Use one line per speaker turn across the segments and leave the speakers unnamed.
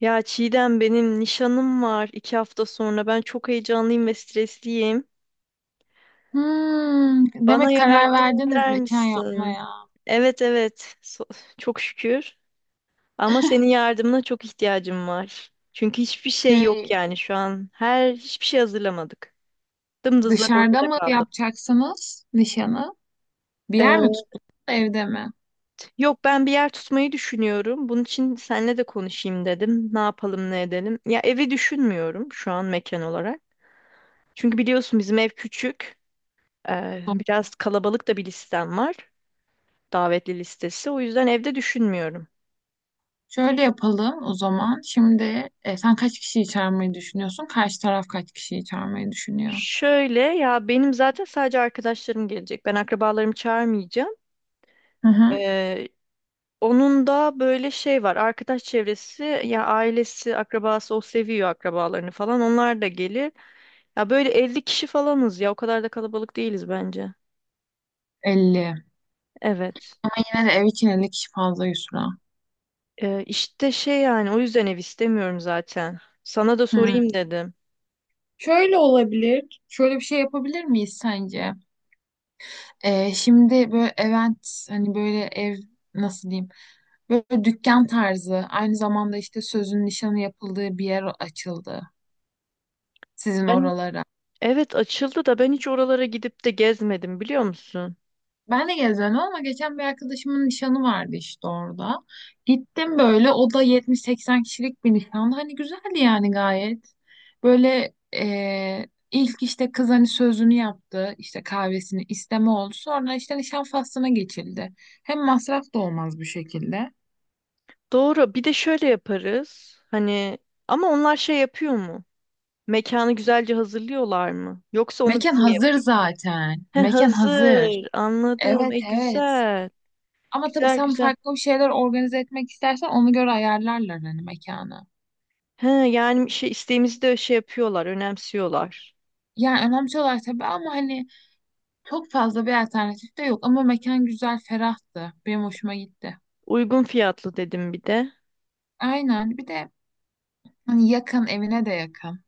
Ya Çiğdem benim nişanım var iki hafta sonra. Ben çok heyecanlıyım ve stresliyim.
Hmm,
Bana
demek karar
yardım
verdiniz
eder
nişan
misin?
yapmaya.
Evet, evet, çok şükür. Ama senin yardımına çok ihtiyacım var. Çünkü hiçbir şey yok
Şey,
yani şu an. Her hiçbir şey hazırlamadık. Dımdızlak
dışarıda
ortada
mı
kaldım.
yapacaksınız nişanı? Bir yer mi
Ee,
tuttunuz, evde mi?
Yok, ben bir yer tutmayı düşünüyorum. Bunun için seninle de konuşayım dedim. Ne yapalım ne edelim. Ya evi düşünmüyorum şu an mekan olarak. Çünkü biliyorsun bizim ev küçük. Biraz kalabalık da bir listem var. Davetli listesi. O yüzden evde düşünmüyorum.
Şöyle yapalım o zaman. Şimdi sen kaç kişiyi çağırmayı düşünüyorsun? Karşı taraf kaç kişiyi çağırmayı düşünüyor?
Şöyle ya, benim zaten sadece arkadaşlarım gelecek. Ben akrabalarımı çağırmayacağım.
Hı hı.
Ee, Onun da böyle şey var. Arkadaş çevresi ya ailesi, akrabası, o seviyor akrabalarını falan. Onlar da gelir. Ya böyle 50 kişi falanız ya. O kadar da kalabalık değiliz bence.
Elli.
Evet.
Yine de ev için 50 kişi fazla Yusra.
İşte şey, yani o yüzden ev istemiyorum zaten. Sana da
Hı.
sorayım dedim.
Şöyle olabilir. Şöyle bir şey yapabilir miyiz sence? Şimdi böyle event, hani böyle ev nasıl diyeyim, böyle dükkan tarzı, aynı zamanda işte sözün nişanı yapıldığı bir yer açıldı sizin
Ben.
oralara.
Evet, açıldı da ben hiç oralara gidip de gezmedim, biliyor musun?
Ben de gezendim ama geçen bir arkadaşımın nişanı vardı işte orada. Gittim, böyle o da 70-80 kişilik bir nişandı. Hani güzeldi yani, gayet. Böyle ilk işte kız hani sözünü yaptı, işte kahvesini isteme oldu. Sonra işte nişan faslına geçildi. Hem masraf da olmaz bu şekilde.
Doğru. Bir de şöyle yaparız. Hani ama onlar şey yapıyor mu? Mekanı güzelce hazırlıyorlar mı? Yoksa onu
Mekan
biz mi
hazır
yapıyoruz?
zaten.
He,
Mekan hazır.
hazır. Anladım.
Evet
E
evet.
güzel.
Ama tabii
Güzel
sen
güzel.
farklı bir şeyler organize etmek istersen, ona göre ayarlarlar hani mekanı.
He yani şey, isteğimizi de şey yapıyorlar, önemsiyorlar.
Yani önemli olan tabii, ama hani çok fazla bir alternatif de yok. Ama mekan güzel, ferahtı. Benim hoşuma gitti.
Uygun fiyatlı dedim bir de.
Aynen. Bir de hani yakın, evine de yakın.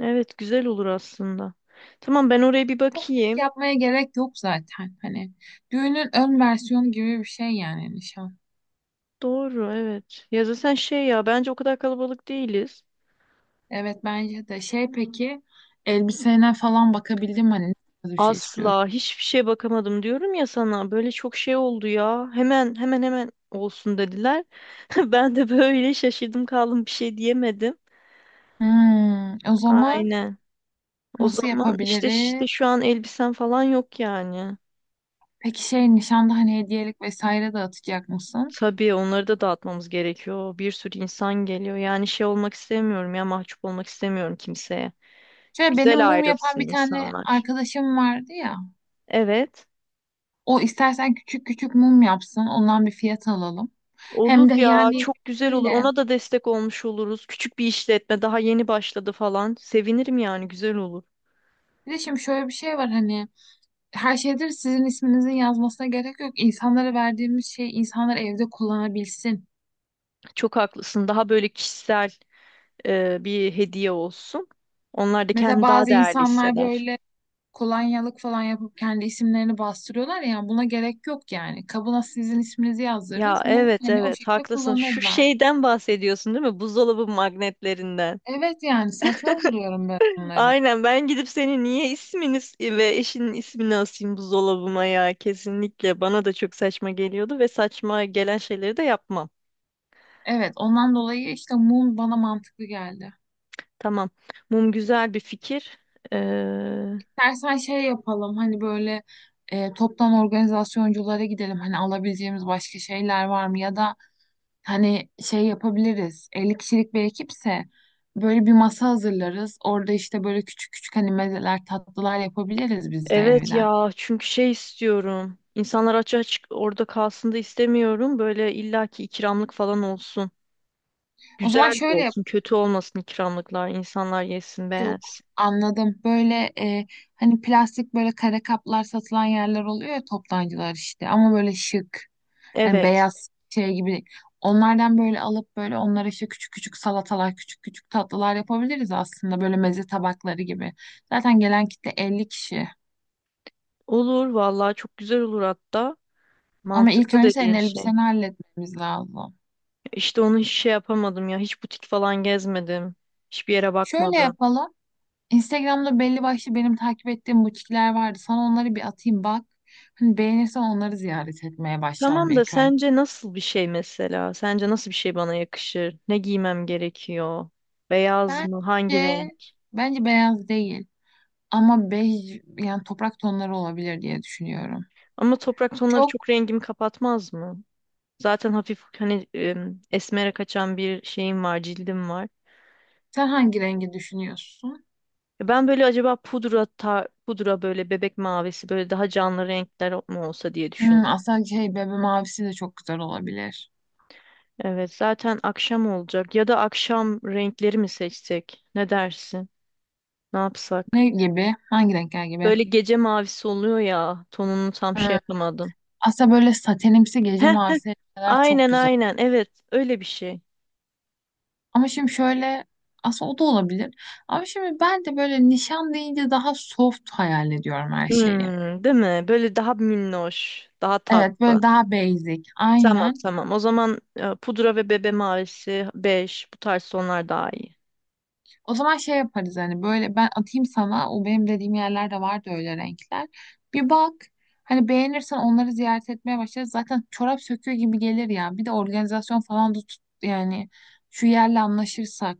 Evet, güzel olur aslında. Tamam, ben oraya bir
Çok büyük
bakayım.
yapmaya gerek yok zaten. Hani düğünün ön versiyonu gibi bir şey yani nişan.
Doğru, evet. Ya zaten şey ya, bence o kadar kalabalık değiliz.
Evet, bence de. Peki elbisene falan bakabildim hani, nasıl bir şey istiyorsun?
Asla hiçbir şeye bakamadım diyorum ya sana. Böyle çok şey oldu ya. Hemen hemen hemen olsun dediler. Ben de böyle şaşırdım kaldım, bir şey diyemedim.
Hmm, o zaman
Aynen. O
nasıl
zaman işte
yapabiliriz?
işte şu an elbisen falan yok yani.
Peki nişanda hani hediyelik vesaire dağıtacak mısın?
Tabii onları da dağıtmamız gerekiyor. Bir sürü insan geliyor. Yani şey olmak istemiyorum ya, mahcup olmak istemiyorum kimseye.
Şöyle, benim
Güzel
mum yapan
ayrılsın
bir tane
insanlar.
arkadaşım vardı ya.
Evet.
O istersen küçük küçük mum yapsın. Ondan bir fiyat alalım.
Olur
Hem de
ya,
yani
çok güzel olur.
şöyle.
Ona da destek olmuş oluruz. Küçük bir işletme, daha yeni başladı falan. Sevinirim yani, güzel olur.
Bir de şimdi şöyle bir şey var hani, her şeydir sizin isminizin yazmasına gerek yok. İnsanlara verdiğimiz şey insanlar evde kullanabilsin.
Çok haklısın. Daha böyle kişisel bir hediye olsun. Onlar da
Mesela
kendini daha
bazı
değerli
insanlar
hisseder.
böyle kolonyalık falan yapıp kendi isimlerini bastırıyorlar ya, buna gerek yok yani. Kabına sizin isminizi
Ya
yazdırırız. Bunu
evet,
hani o
evet,
şekilde
haklısın. Şu
kullanırlar.
şeyden bahsediyorsun, değil mi? Buzdolabı magnetlerinden.
Evet, yani saçma buluyorum ben onları.
Aynen, ben gidip senin niye ismini ve eşinin ismini asayım buzdolabıma ya, kesinlikle. Bana da çok saçma geliyordu ve saçma gelen şeyleri de yapmam.
Evet, ondan dolayı işte mum bana mantıklı geldi.
Tamam. Mum güzel bir fikir. Ee,
İstersen şey yapalım hani böyle, toptan organizasyonculara gidelim. Hani alabileceğimiz başka şeyler var mı? Ya da hani şey yapabiliriz. 50 kişilik bir ekipse böyle bir masa hazırlarız. Orada işte böyle küçük küçük hani mezeler, tatlılar yapabiliriz biz de
evet
evden.
ya, çünkü şey istiyorum. İnsanlar aç açık orada kalsın da istemiyorum. Böyle illaki ikramlık falan olsun.
O zaman
Güzel de
şöyle yap.
olsun, kötü olmasın ikramlıklar. İnsanlar yesin,
Yok,
beğensin.
anladım. Böyle hani plastik böyle kare kaplar satılan yerler oluyor ya, toptancılar işte. Ama böyle şık. Hani
Evet.
beyaz şey gibi. Onlardan böyle alıp böyle onlara işte küçük küçük salatalar, küçük küçük tatlılar yapabiliriz aslında. Böyle meze tabakları gibi. Zaten gelen kitle 50 kişi.
Olur vallahi, çok güzel olur hatta.
Ama ilk
Mantıklı
önce senin
dediğin şey.
elbiseni halletmemiz lazım.
İşte onu hiç şey yapamadım ya. Hiç butik falan gezmedim. Hiçbir yere
Şöyle
bakmadım.
yapalım. Instagram'da belli başlı benim takip ettiğim butikler vardı. Sana onları bir atayım bak. Hani beğenirsen, onları ziyaret etmeye başlayalım
Tamam da
ilk önce.
sence nasıl bir şey mesela? Sence nasıl bir şey bana yakışır? Ne giymem gerekiyor? Beyaz mı? Hangi
Bence
renk?
bence beyaz değil, ama bej yani toprak tonları olabilir diye düşünüyorum.
Ama toprak tonları
Çok
çok rengimi kapatmaz mı? Zaten hafif hani esmere kaçan bir şeyim var, cildim var.
sen hangi rengi düşünüyorsun?
E ben böyle acaba pudra pudra, böyle bebek mavisi, böyle daha canlı renkler mi olsa diye
Hmm,
düşündüm.
aslında bebe mavisi de çok güzel olabilir.
Evet, zaten akşam olacak ya, da akşam renkleri mi seçsek? Ne dersin? Ne yapsak?
Ne gibi? Hangi renkler gibi?
Böyle gece mavisi oluyor ya. Tonunu tam şey
Hmm,
yapamadım.
aslında böyle satenimsi gece
Heh,
mavisi renkler çok
aynen
güzel.
aynen. Evet, öyle bir şey.
Ama şimdi şöyle, aslında o da olabilir. Ama şimdi ben de böyle nişan deyince daha soft hayal ediyorum her şeyi.
Hmm, değil mi? Böyle daha minnoş, daha
Evet,
tatlı.
böyle daha basic,
Tamam
aynen.
tamam. O zaman pudra ve bebe mavisi 5 bu tarz tonlar daha iyi.
O zaman şey yaparız hani, böyle ben atayım sana, o benim dediğim yerlerde vardı öyle renkler. Bir bak hani, beğenirsen onları ziyaret etmeye başlarız. Zaten çorap söküyor gibi gelir ya. Bir de organizasyon falan da tut yani, şu yerle anlaşırsak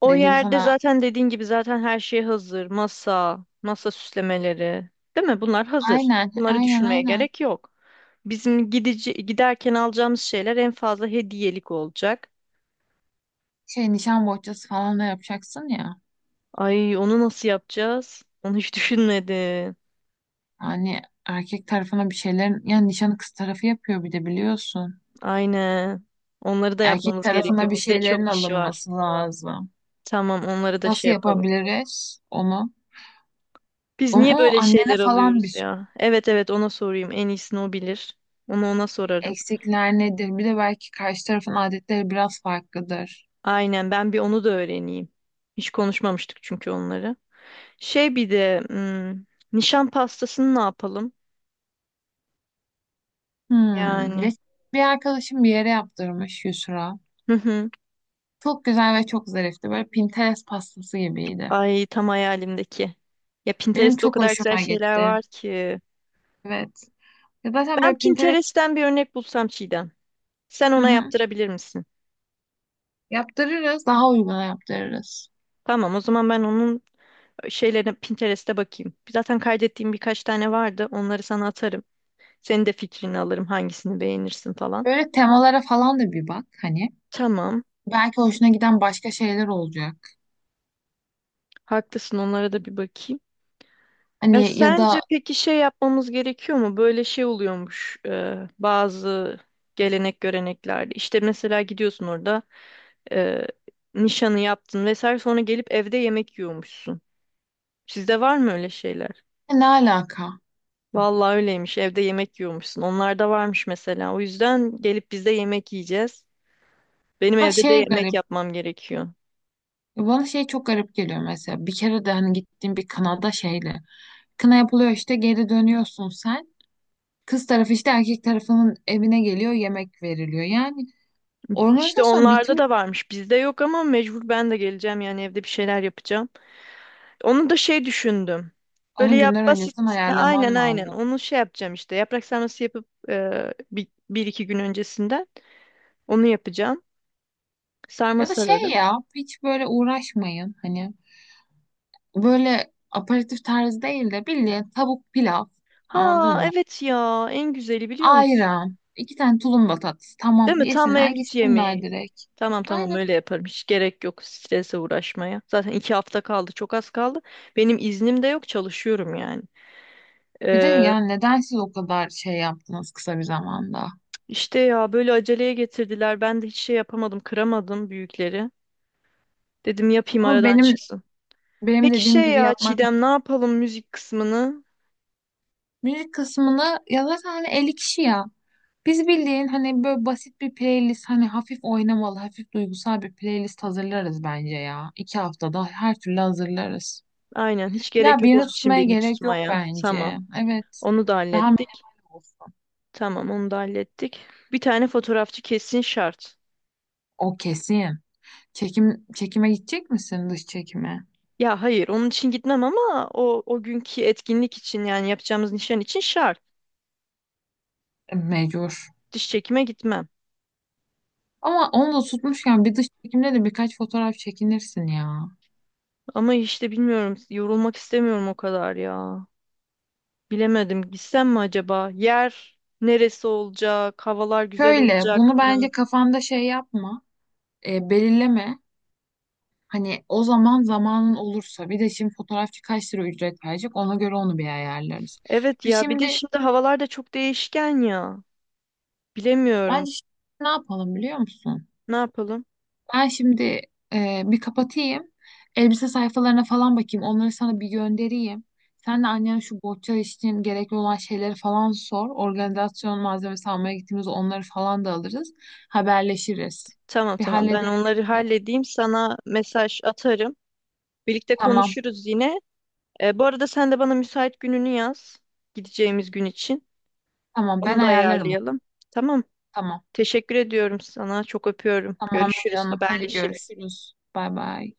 O
dediğim
yerde
sana.
zaten dediğin gibi zaten her şey hazır. Masa, masa süslemeleri. Değil mi? Bunlar hazır.
Aynen,
Bunları
aynen,
düşünmeye
aynen.
gerek yok. Bizim gidici, giderken alacağımız şeyler en fazla hediyelik olacak.
Nişan bohçası falan da yapacaksın ya.
Ay, onu nasıl yapacağız? Onu hiç düşünmedim.
Hani erkek tarafına bir şeylerin, yani nişanı kız tarafı yapıyor bir de, biliyorsun.
Aynen. Onları da
Erkek
yapmamız gerekiyor.
tarafına bir
Bizde
şeylerin
çok iş var.
alınması lazım.
Tamam, onları da şey
Nasıl
yapalım.
yapabiliriz onu?
Biz niye
Onu
böyle
annene
şeyler
falan bir
alıyoruz
sor.
ya? Evet, evet, ona sorayım. En iyisini o bilir. Onu ona sorarım.
Eksikler nedir? Bir de belki karşı tarafın adetleri biraz farklıdır.
Aynen, ben bir onu da öğreneyim. Hiç konuşmamıştık çünkü onları. Şey bir de hmm, nişan pastasını ne yapalım?
Hmm.
Yani.
Bir arkadaşım bir yere yaptırmış Yusra.
Hı hı.
Çok güzel ve çok zarifti. Böyle Pinterest pastası gibiydi.
Ay, tam hayalimdeki. Ya
Benim
Pinterest'te o
çok
kadar güzel
hoşuma
şeyler
gitti.
var ki.
Evet. Ya zaten
Ben
böyle Pinterest.
Pinterest'ten bir örnek bulsam Çiğdem. Sen
Hı
ona
hı.
yaptırabilir misin?
Yaptırırız. Daha uyguna yaptırırız.
Tamam, o zaman ben onun şeylerine Pinterest'te bakayım. Zaten kaydettiğim birkaç tane vardı. Onları sana atarım. Senin de fikrini alırım. Hangisini beğenirsin falan.
Böyle temalara falan da bir bak hani.
Tamam.
Belki hoşuna giden başka şeyler olacak.
Haklısın. Onlara da bir bakayım. Ya
Hani, ya
sence
da
peki şey yapmamız gerekiyor mu? Böyle şey oluyormuş bazı gelenek göreneklerde. İşte mesela gidiyorsun orada, e, nişanı yaptın vesaire, sonra gelip evde yemek yiyormuşsun. Sizde var mı öyle şeyler?
ne alaka?
Vallahi öyleymiş. Evde yemek yiyormuşsun. Onlar da varmış mesela. O yüzden gelip biz de yemek yiyeceğiz. Benim
Ha,
evde de yemek
garip.
yapmam gerekiyor.
Bana çok garip geliyor mesela. Bir kere de hani gittiğim bir kınada şeyle. Kına yapılıyor, işte geri dönüyorsun sen. Kız tarafı işte erkek tarafının evine geliyor, yemek veriliyor. Yani
İşte
organizasyon
onlarda
bitmiş.
da varmış. Bizde yok ama mecbur ben de geleceğim yani, evde bir şeyler yapacağım. Onu da şey düşündüm. Böyle
Onu
yap
günler
basit.
öncesinden
Aynen
ayarlaman
aynen.
lazım.
Onu şey yapacağım işte. Yaprak sarması yapıp bir iki gün öncesinden onu yapacağım. Sarma
Ya da şey
sararım.
ya, hiç böyle uğraşmayın. Hani böyle aperatif tarzı değil de bildiğin tavuk pilav.
Ha
Anladın mı?
evet ya, en güzeli biliyor musun?
Ayran. İki tane tulumba tatlısı. Tamam,
Değil mi? Tam
yesinler
mevlüt
gitsinler
yemeği.
direkt.
Tamam tamam,
Aynen.
öyle yaparım. Hiç gerek yok strese uğraşmaya. Zaten iki hafta kaldı. Çok az kaldı. Benim iznim de yok. Çalışıyorum yani.
Bir de
Ee,
yani neden siz o kadar şey yaptınız kısa bir zamanda?
işte ya, böyle aceleye getirdiler. Ben de hiç şey yapamadım. Kıramadım büyükleri. Dedim yapayım
Ama
aradan
benim
çıksın.
benim
Peki
dediğim
şey
gibi
ya
yapmak.
Çiğdem, ne yapalım müzik kısmını?
Müzik kısmını ya zaten hani 50 kişi ya. Biz bildiğin hani böyle basit bir playlist, hani hafif oynamalı, hafif duygusal bir playlist hazırlarız bence ya. 2 haftada her türlü hazırlarız.
Aynen, hiç gerek
Ya
yok
birini
onun için
tutmaya
birini
gerek yok
tutmaya. Tamam.
bence. Evet.
Onu da
Daha
hallettik.
minimal olsun.
Tamam, onu da hallettik. Bir tane fotoğrafçı kesin şart.
O kesin. Çekime gidecek misin, dış çekime?
Ya hayır, onun için gitmem ama o o günkü etkinlik için yani yapacağımız nişan için şart.
E, mecbur.
Diş çekime gitmem.
Ama onu da tutmuşken bir dış çekimde de birkaç fotoğraf çekinirsin ya.
Ama işte bilmiyorum, yorulmak istemiyorum o kadar ya. Bilemedim, gitsem mi acaba? Yer neresi olacak? Havalar güzel
Şöyle,
olacak
bunu bence
mı?
kafanda şey yapma, belirleme. Hani o zaman zamanın olursa, bir de şimdi fotoğrafçı kaç lira ücret verecek, ona göre onu bir ayarlarız.
Evet
Bir
ya, bir de
şimdi
şimdi havalar da çok değişken ya. Bilemiyorum.
bence şimdi ne yapalım biliyor musun?
Ne yapalım?
Ben şimdi bir kapatayım. Elbise sayfalarına falan bakayım. Onları sana bir göndereyim. Sen de annene şu bohça için gerekli olan şeyleri falan sor. Organizasyon malzemesi almaya gittiğimizde onları falan da alırız. Haberleşiriz.
Tamam
Bir
tamam. Ben
halledelim
onları
şunları.
halledeyim. Sana mesaj atarım. Birlikte
Tamam.
konuşuruz yine. E, bu arada sen de bana müsait gününü yaz. Gideceğimiz gün için.
Tamam, ben
Onu da
ayarlarım onu.
ayarlayalım. Tamam.
Tamam.
Teşekkür ediyorum sana. Çok öpüyorum.
Tamam
Görüşürüz,
canım. Hadi
haberleşiriz.
görüşürüz. Bay bay.